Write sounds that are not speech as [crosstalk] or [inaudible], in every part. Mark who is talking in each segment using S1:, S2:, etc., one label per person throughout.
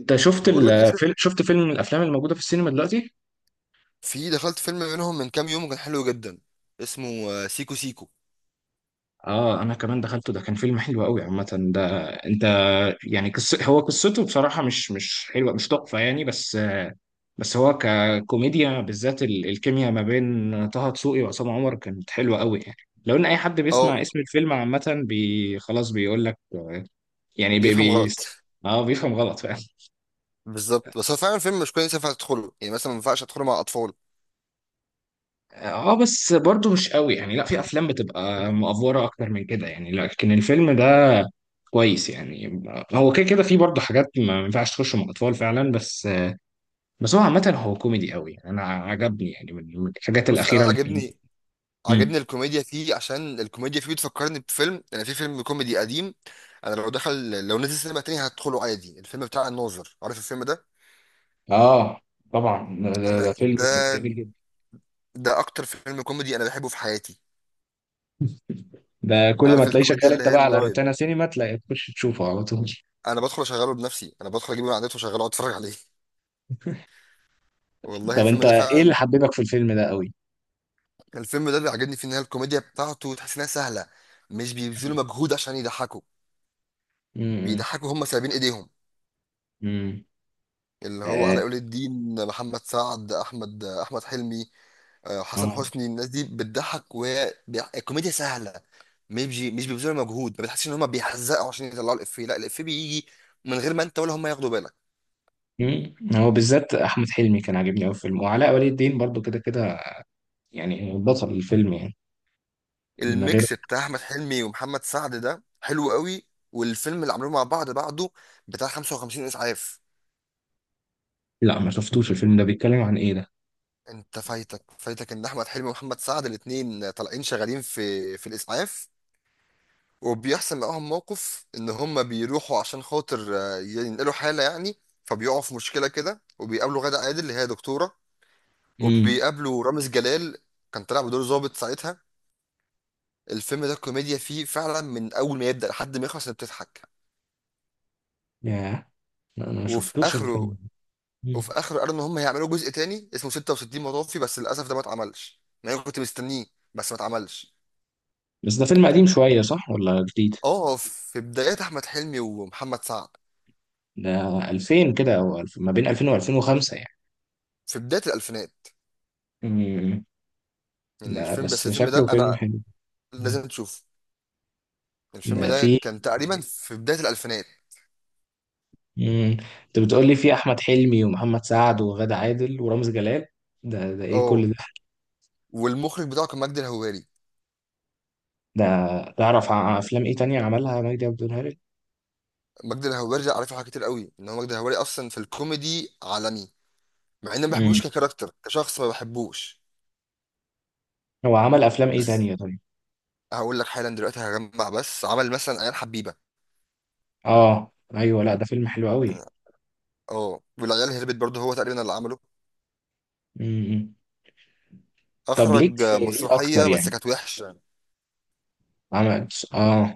S1: انت
S2: بقول لك إيه،
S1: شفت فيلم من الافلام الموجوده في السينما دلوقتي؟
S2: في دخلت فيلم منهم من كام يوم كان حلو جدا. اسمه سيكو سيكو.
S1: اه، انا كمان دخلته. ده كان فيلم حلو قوي عامه. ده انت يعني هو قصته بصراحه مش حلوه، مش تحفه يعني، بس هو ككوميديا، بالذات الكيمياء ما بين طه دسوقي وعصام عمر كانت حلوه قوي يعني. لو ان اي حد
S2: اه
S1: بيسمع اسم الفيلم عامه خلاص بيقول لك يعني
S2: بيفهم غلط.
S1: اه، بيفهم غلط.
S2: بالظبط، بس هو فعلا فيلم مش كويس ينفع تدخله، يعني مثلا ما ينفعش ادخله مع اطفال.
S1: اه، بس برضو مش قوي يعني. لا، في افلام بتبقى مأفورة اكتر من كده يعني، لكن الفيلم ده كويس يعني. هو كده كده في برضو حاجات ما ينفعش تخش مع اطفال فعلا، بس هو عامة هو كوميدي قوي يعني. انا عجبني يعني من الحاجات
S2: بص، انا
S1: الاخيرة اللي في-.
S2: عجبني.
S1: مم.
S2: عجبني الكوميديا فيه عشان الكوميديا فيه بتفكرني بفيلم. انا في فيلم كوميدي قديم. انا لو دخل، لو نزل سينما تاني هدخله عادي، الفيلم بتاع الناظر. عارف الفيلم ده؟
S1: اه، طبعا ده, ده
S2: انا
S1: ده فيلم
S2: ده
S1: جميل جدا.
S2: ده اكتر فيلم كوميدي انا بحبه في حياتي.
S1: ده كل ما
S2: عارف
S1: تلاقيه
S2: الكوميديا
S1: شغال
S2: اللي
S1: انت
S2: هي
S1: بقى على
S2: اللايت؟
S1: روتانا سينما تلاقي تخش تشوفه على طول.
S2: انا بدخل اشغله بنفسي، انا بدخل اجيبه من على النت واشغله واتفرج عليه. والله
S1: طب
S2: الفيلم
S1: انت
S2: ده
S1: ايه اللي
S2: فعلا.
S1: حببك في الفيلم ده قوي؟
S2: كان الفيلم ده اللي عجبني فيه ان هي الكوميديا بتاعته تحس انها سهله. مش بيبذلوا مجهود عشان يضحكوا.
S1: امم.
S2: بيضحكوا هم سايبين ايديهم.
S1: امم.
S2: اللي هو
S1: اه.
S2: علاء ولي الدين، محمد سعد، احمد حلمي. حسن
S1: آه.
S2: حسني. الناس دي بتضحك وهي الكوميديا سهله. مش بيبذلوا مجهود. ما بتحسش ان هم بيحزقوا عشان يطلعوا الافيه، لا الافيه بيجي من غير ما انت ولا هم ياخدوا بالك.
S1: مم. هو بالذات احمد حلمي كان عاجبني قوي في الفيلم، وعلاء ولي الدين برضو كده كده يعني بطل الفيلم يعني. من غير.
S2: الميكس بتاع احمد حلمي ومحمد سعد ده حلو قوي. والفيلم اللي عملوه مع بعض بعده بتاع 55 اسعاف.
S1: لا، ما شفتوش الفيلم. ده بيتكلم عن ايه ده؟
S2: انت فايتك ان احمد حلمي ومحمد سعد الاتنين طالعين شغالين في الاسعاف. وبيحصل معاهم موقف ان هم بيروحوا عشان خاطر ينقلوا حاله يعني، فبيقعوا في مشكله كده، وبيقابلوا غادة عادل اللي هي دكتوره.
S1: امم.
S2: وبيقابلوا رامز جلال، كان طالع بدور ظابط ساعتها. الفيلم ده الكوميديا فيه فعلا من اول ما يبدا لحد ما يخلص انت بتضحك.
S1: يا لا، انا ما
S2: وفي
S1: شفتوش
S2: اخره.
S1: الفيلم.
S2: وفي
S1: مم.
S2: اخره قالوا ان هم هيعملوا جزء تاني اسمه 66 مطافي، بس للاسف ده ما اتعملش، يعني انا كنت مستنيه. بس ما اتعملش.
S1: بس ده فيلم قديم شويه صح ولا جديد؟
S2: اه، في بدايات احمد حلمي ومحمد سعد.
S1: ده 2000 كده او 2000، ما بين 2000 و2005 يعني.
S2: في بدايه الالفينات
S1: امم.
S2: يعني
S1: ده
S2: الفيلم. بس
S1: بس
S2: الفيلم ده
S1: شكله فيلم
S2: انا
S1: حلو. مم.
S2: لازم تشوفه. الفيلم
S1: ده
S2: ده
S1: فيه.
S2: كان تقريبا في بدايه الالفينات.
S1: امم. انت بتقول لي فيه احمد حلمي ومحمد سعد وغادة عادل ورامز جلال. ده ايه كل
S2: اه،
S1: ده
S2: والمخرج بتاعه كان مجدي الهواري.
S1: ده؟ تعرف افلام ايه تانية عملها مجدي عبد الهادي؟
S2: مجدي الهواري ده عارفه حاجات كتير قوي، ان هو مجدي الهواري اصلا في الكوميدي عالمي. مع اني ما
S1: امم.
S2: بحبوش ككاركتر، كشخص ما بحبوش.
S1: هو عمل افلام ايه
S2: بس
S1: تانية طيب؟
S2: هقول لك حالا دلوقتي هجمع. بس عمل مثلا عيال حبيبه.
S1: اه، ايوه. لا، ده فيلم حلو قوي.
S2: اه، والعيال هربت برضه، هو تقريبا اللي عمله.
S1: امم. طب ليك
S2: اخرج
S1: في ايه اكتر
S2: مسرحيه بس
S1: يعني؟
S2: كانت وحشه،
S1: عمل. اه.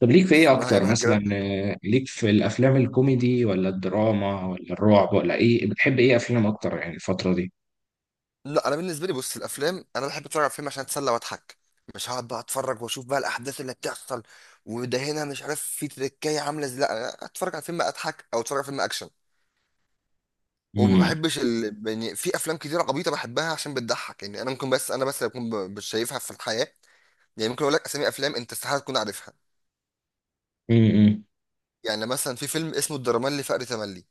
S1: طب ليك في ايه
S2: اسمها
S1: اكتر
S2: ياما في الجيران.
S1: مثلا، ليك في الافلام الكوميدي ولا الدراما ولا الرعب ولا ايه؟ بتحب ايه افلام اكتر يعني الفترة دي؟
S2: لا، انا بالنسبه لي بص، الافلام انا بحب اتفرج على فيلم عشان اتسلى واضحك. مش هقعد بقى اتفرج واشوف بقى الاحداث اللي بتحصل، وده هنا مش عارف في تركايه عامله ازاي. لا، أنا اتفرج على فيلم اضحك او اتفرج على فيلم اكشن. وما
S1: امم.
S2: بحبش يعني في افلام كتيره عبيطه بحبها عشان بتضحك، يعني انا ممكن. بس انا بس اللي اكون مش شايفها في الحياه. يعني ممكن اقول لك اسامي افلام انت استحاله تكون عارفها.
S1: امم.
S2: يعني مثلا في فيلم اسمه الدرمالي فقر تملي.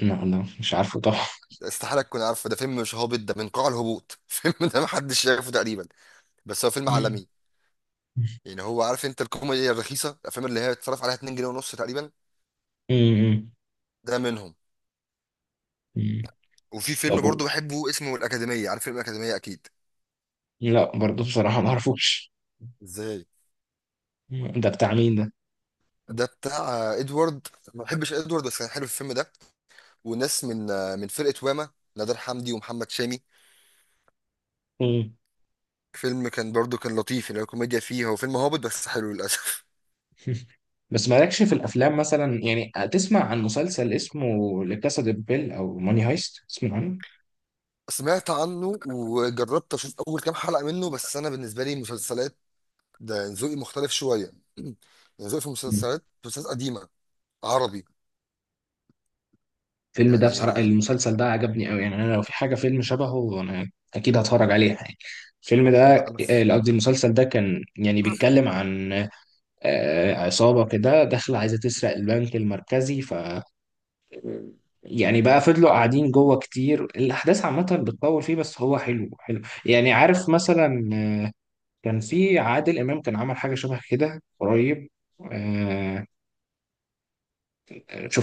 S1: لا، لا مش عارفه طبعا.
S2: ده استحاله تكون عارفه، ده فيلم مش هابط، ده من قاع الهبوط [laughs] فيلم ده محدش شايفه تقريبا. بس هو فيلم
S1: مم.
S2: عالمي.
S1: [laughs]
S2: يعني هو عارف انت الكوميديا الرخيصه، الافلام اللي هي اتفرج عليها 2 جنيه ونص تقريبا.
S1: مم.
S2: ده منهم.
S1: مم.
S2: وفي فيلم
S1: طب
S2: برضو بحبه اسمه الاكاديميه. عارف فيلم الاكاديميه اكيد؟
S1: لا برضه بصراحة ما اعرفوش.
S2: ازاي؟
S1: مم. ده بتاع مين؟
S2: ده بتاع ادوارد. ما بحبش ادوارد، بس كان حلو الفيلم ده. وناس من من فرقه واما، نادر حمدي ومحمد شامي.
S1: ده،
S2: فيلم كان برضو كان لطيف يعني، الكوميديا فيه، هو فيلم هابط بس حلو للاسف.
S1: بس مالكش في الافلام مثلا يعني؟ تسمع عن مسلسل اسمه لكاسا دي بابيل او ماني هايست؟ تسمع عنه؟
S2: [laughs] سمعت عنه وجربت اشوف اول كام حلقه منه، بس انا بالنسبه لي مسلسلات، ده ذوقي مختلف شويه [clears throat] يعني. ذوقي في
S1: مم.
S2: المسلسلات مسلسلات قديمه، عربي.
S1: الفيلم ده بصراحه،
S2: يعني
S1: المسلسل ده عجبني قوي يعني. انا لو في حاجه فيلم شبهه انا اكيد هتفرج عليها يعني. الفيلم ده،
S2: لا، انا
S1: قصدي المسلسل ده كان يعني بيتكلم عن عصابه كده داخله عايزه تسرق البنك المركزي. ف يعني بقى فضلوا قاعدين جوه كتير. الاحداث عامه بتطول فيه بس هو حلو حلو يعني، عارف مثلا. كان في عادل امام كان عمل حاجه شبه كده قريب. آه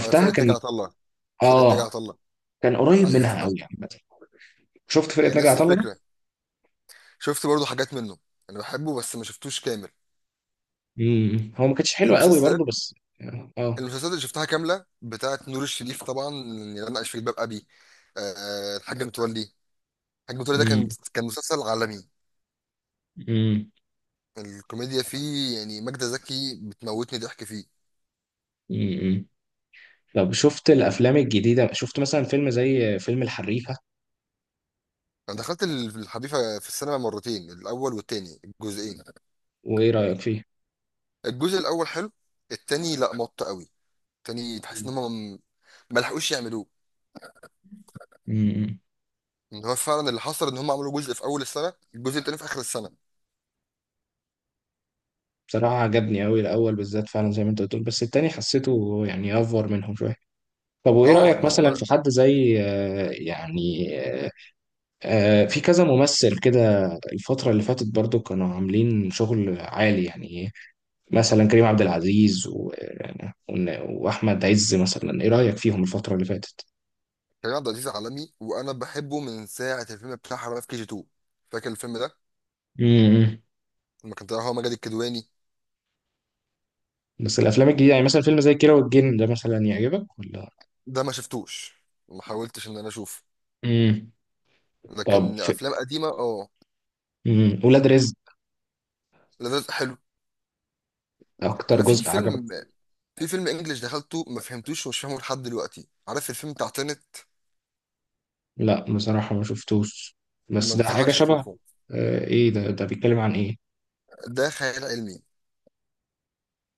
S2: فرقه نجا
S1: كان.
S2: عطله. فرقه نجا
S1: اه،
S2: عطله.
S1: كان
S2: [laughs]
S1: قريب منها
S2: ايوه.
S1: قوي يعني. شفت فرقه ناجي
S2: نفس
S1: عطا الله ده؟
S2: الفكره. شفت برضو حاجات منه. انا بحبه بس ما شفتوش كامل.
S1: امم. هو ما كانتش حلوه قوي برضو
S2: المسلسلات.
S1: بس. اه.
S2: المسلسلات اللي شفتها كامله بتاعت نور الشريف طبعا، اللي انا عايش في جلباب ابي. الحاج متولي. الحاج متولي ده كان
S1: امم.
S2: كان مسلسل عالمي.
S1: امم.
S2: الكوميديا فيه يعني ماجدة زكي بتموتني ضحك فيه.
S1: امم. طب شفت الافلام الجديده؟ شفت مثلا فيلم زي فيلم الحريفه؟
S2: انا دخلت الحريفه في السينما مرتين، الاول والتاني، الجزئين.
S1: وايه رايك فيه؟
S2: الجزء الاول حلو. التاني لا، مط قوي. التاني بحس ان هم ما لحقوش يعملوه.
S1: امم.
S2: ان هو فعلا اللي حصل ان هم عملوا جزء في اول السنه، الجزء التاني في اخر السنه.
S1: بصراحه عجبني قوي الاول بالذات فعلا زي ما انت بتقول، بس التاني حسيته يعني افور منهم شويه. طب وايه
S2: اه،
S1: رايك
S2: ان هم.
S1: مثلا في حد زي، في كذا ممثل كده؟ الفترة اللي فاتت برضو كانوا عاملين شغل عالي يعني إيه؟ مثلا كريم عبد العزيز وأحمد عز مثلا، إيه رأيك فيهم الفترة اللي فاتت؟
S2: كريم عبد العزيز عالمي، وانا بحبه من ساعه الفيلم بتاع حرامية في كي جي 2. فاكر الفيلم ده؟
S1: امم.
S2: لما كان طالع هو مجدي الكدواني.
S1: بس الأفلام الجديدة يعني مثلا فيلم زي كيرة والجن ده مثلا يعجبك ولا؟
S2: ده ما شفتوش، ما حاولتش ان انا اشوفه.
S1: امم. طب
S2: لكن
S1: في.
S2: افلام قديمه اه.
S1: مم. ولاد رزق.
S2: لذيذ حلو.
S1: أكتر
S2: انا
S1: جزء عجبك؟
S2: في فيلم انجليش دخلته، ما فهمتوش ومش فاهمه لحد دلوقتي. عارف الفيلم بتاع تنت؟
S1: لا بصراحة ما شفتوش.
S2: ما [laughs]
S1: بس ده حاجة
S2: انصحكش
S1: شبه.
S2: تشوفه.
S1: إيه ده؟ ده بيتكلم عن إيه؟
S2: ده خيال علمي.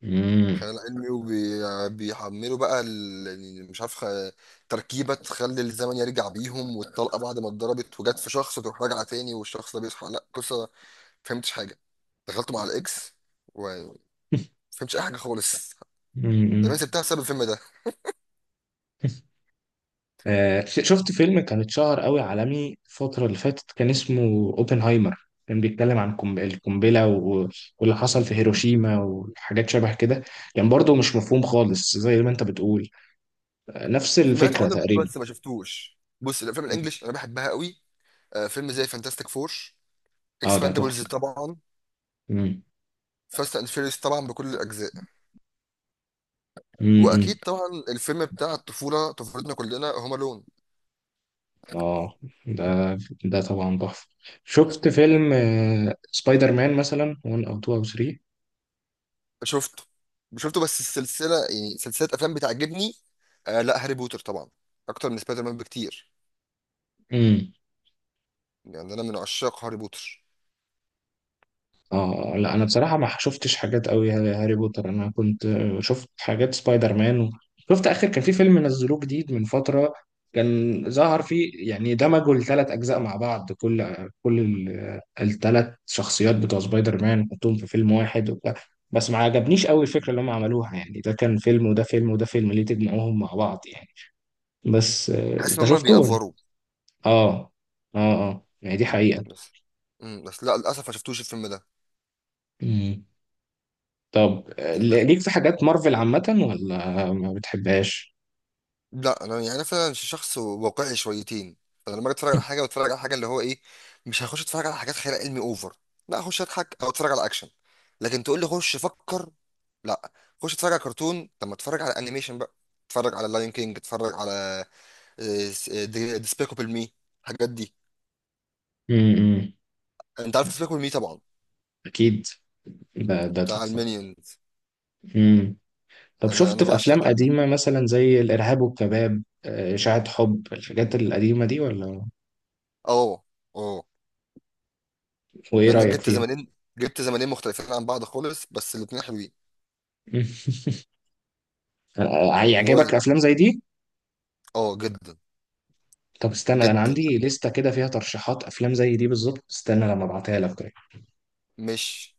S1: امم.
S2: خيال علمي وبيحملوا بقى يعني مش عارف تركيبة تخلي الزمن يرجع بيهم، والطلقة بعد ما اتضربت وجت في شخص تروح راجعة تاني والشخص ده بيصحى، لا قصة ما فهمتش حاجة. دخلت مع الإكس وما فهمتش أي حاجة خالص. طب أنا سبتها بسبب الفيلم ده.
S1: [laughs] شفت فيلم كان اتشهر قوي عالمي الفترة اللي فاتت كان اسمه اوبنهايمر، كان بيتكلم عن القنبلة واللي حصل في هيروشيما وحاجات شبه كده. كان برضو مش مفهوم خالص زي ما انت بتقول. نفس
S2: سمعت
S1: الفكرة
S2: عنه
S1: تقريبا.
S2: بس ما شفتوش. بص، الأفلام الإنجليش أنا بحبها قوي. فيلم زي فانتاستيك فور،
S1: اه، ده
S2: اكسباندبلز
S1: تحفة.
S2: طبعا،
S1: مم.
S2: فاست اند فيريوس طبعا بكل الاجزاء.
S1: مم.
S2: واكيد
S1: مم.
S2: طبعا الفيلم بتاع الطفوله، طفولتنا كلنا، هوم الون.
S1: اه، ده ده طبعا تحفة. شفت فيلم، سبايدر مان مثلا 1 او 2 او
S2: شفته. شفته بس السلسله، يعني سلسله افلام بتعجبني. آه لا، هاري بوتر طبعا اكتر من سبايدر مان بكتير.
S1: 3؟
S2: يعني انا من عشاق هاري بوتر.
S1: اه. لا، انا بصراحه ما شفتش حاجات قوي هاري بوتر. انا كنت شفت حاجات سبايدر مان شفت اخر كان في فيلم نزلوه جديد من فتره. كان ظهر فيه يعني دمجوا الثلاث اجزاء مع بعض. كل الثلاث شخصيات بتوع سبايدر مان حطوهم في فيلم واحد وبتاع. بس ما عجبنيش قوي الفكره اللي هم عملوها يعني، ده كان فيلم وده فيلم وده فيلم، ليه تجمعوهم مع بعض يعني؟ بس
S2: بحس ان
S1: انت
S2: هم
S1: شفته ولا؟
S2: بيأفوروا
S1: اه. اه. اه يعني، دي حقيقه.
S2: بس. امم، بس لا للاسف ما شفتوش الفيلم ده.
S1: مم. طب، ليك في حاجات مارفل عامة ولا ما بتحبهاش؟
S2: لا، انا يعني فعلا شخص واقعي شويتين. فانا لما أجي اتفرج على
S1: [laughs]
S2: حاجه بتفرج على حاجه اللي هو ايه. مش هخش اتفرج على حاجات خيال علمي اوفر. لا، اخش اضحك او اتفرج على اكشن. لكن تقول لي خش فكر، لا. خش اتفرج على كرتون، طب ما اتفرج على انيميشن بقى. اتفرج على لاين كينج، اتفرج على ديسبيكابل مي، الحاجات دي.
S1: امم.
S2: انت عارف ديسبيكابل مي طبعا،
S1: اكيد. ده
S2: بتاع
S1: تحفة.
S2: المينيونز.
S1: امم. طب
S2: انا
S1: شفت
S2: انا
S1: في
S2: بعشق
S1: افلام
S2: ده.
S1: قديمة مثلا زي الارهاب والكباب، اشاعة حب؟ الحاجات القديمة دي ولا؟
S2: اه، اه.
S1: وايه
S2: مع انك
S1: رأيك فيها؟
S2: جبت زمانين مختلفين عن بعض خالص بس الاتنين حلوين.
S1: مم. [laughs]
S2: والله،
S1: هيعجبك افلام زي دي؟
S2: اه جدا.
S1: طب استنى، انا
S2: جدا.
S1: عندي لستة كده فيها ترشيحات افلام زي دي بالظبط. استنى لما ابعتها لك.
S2: مش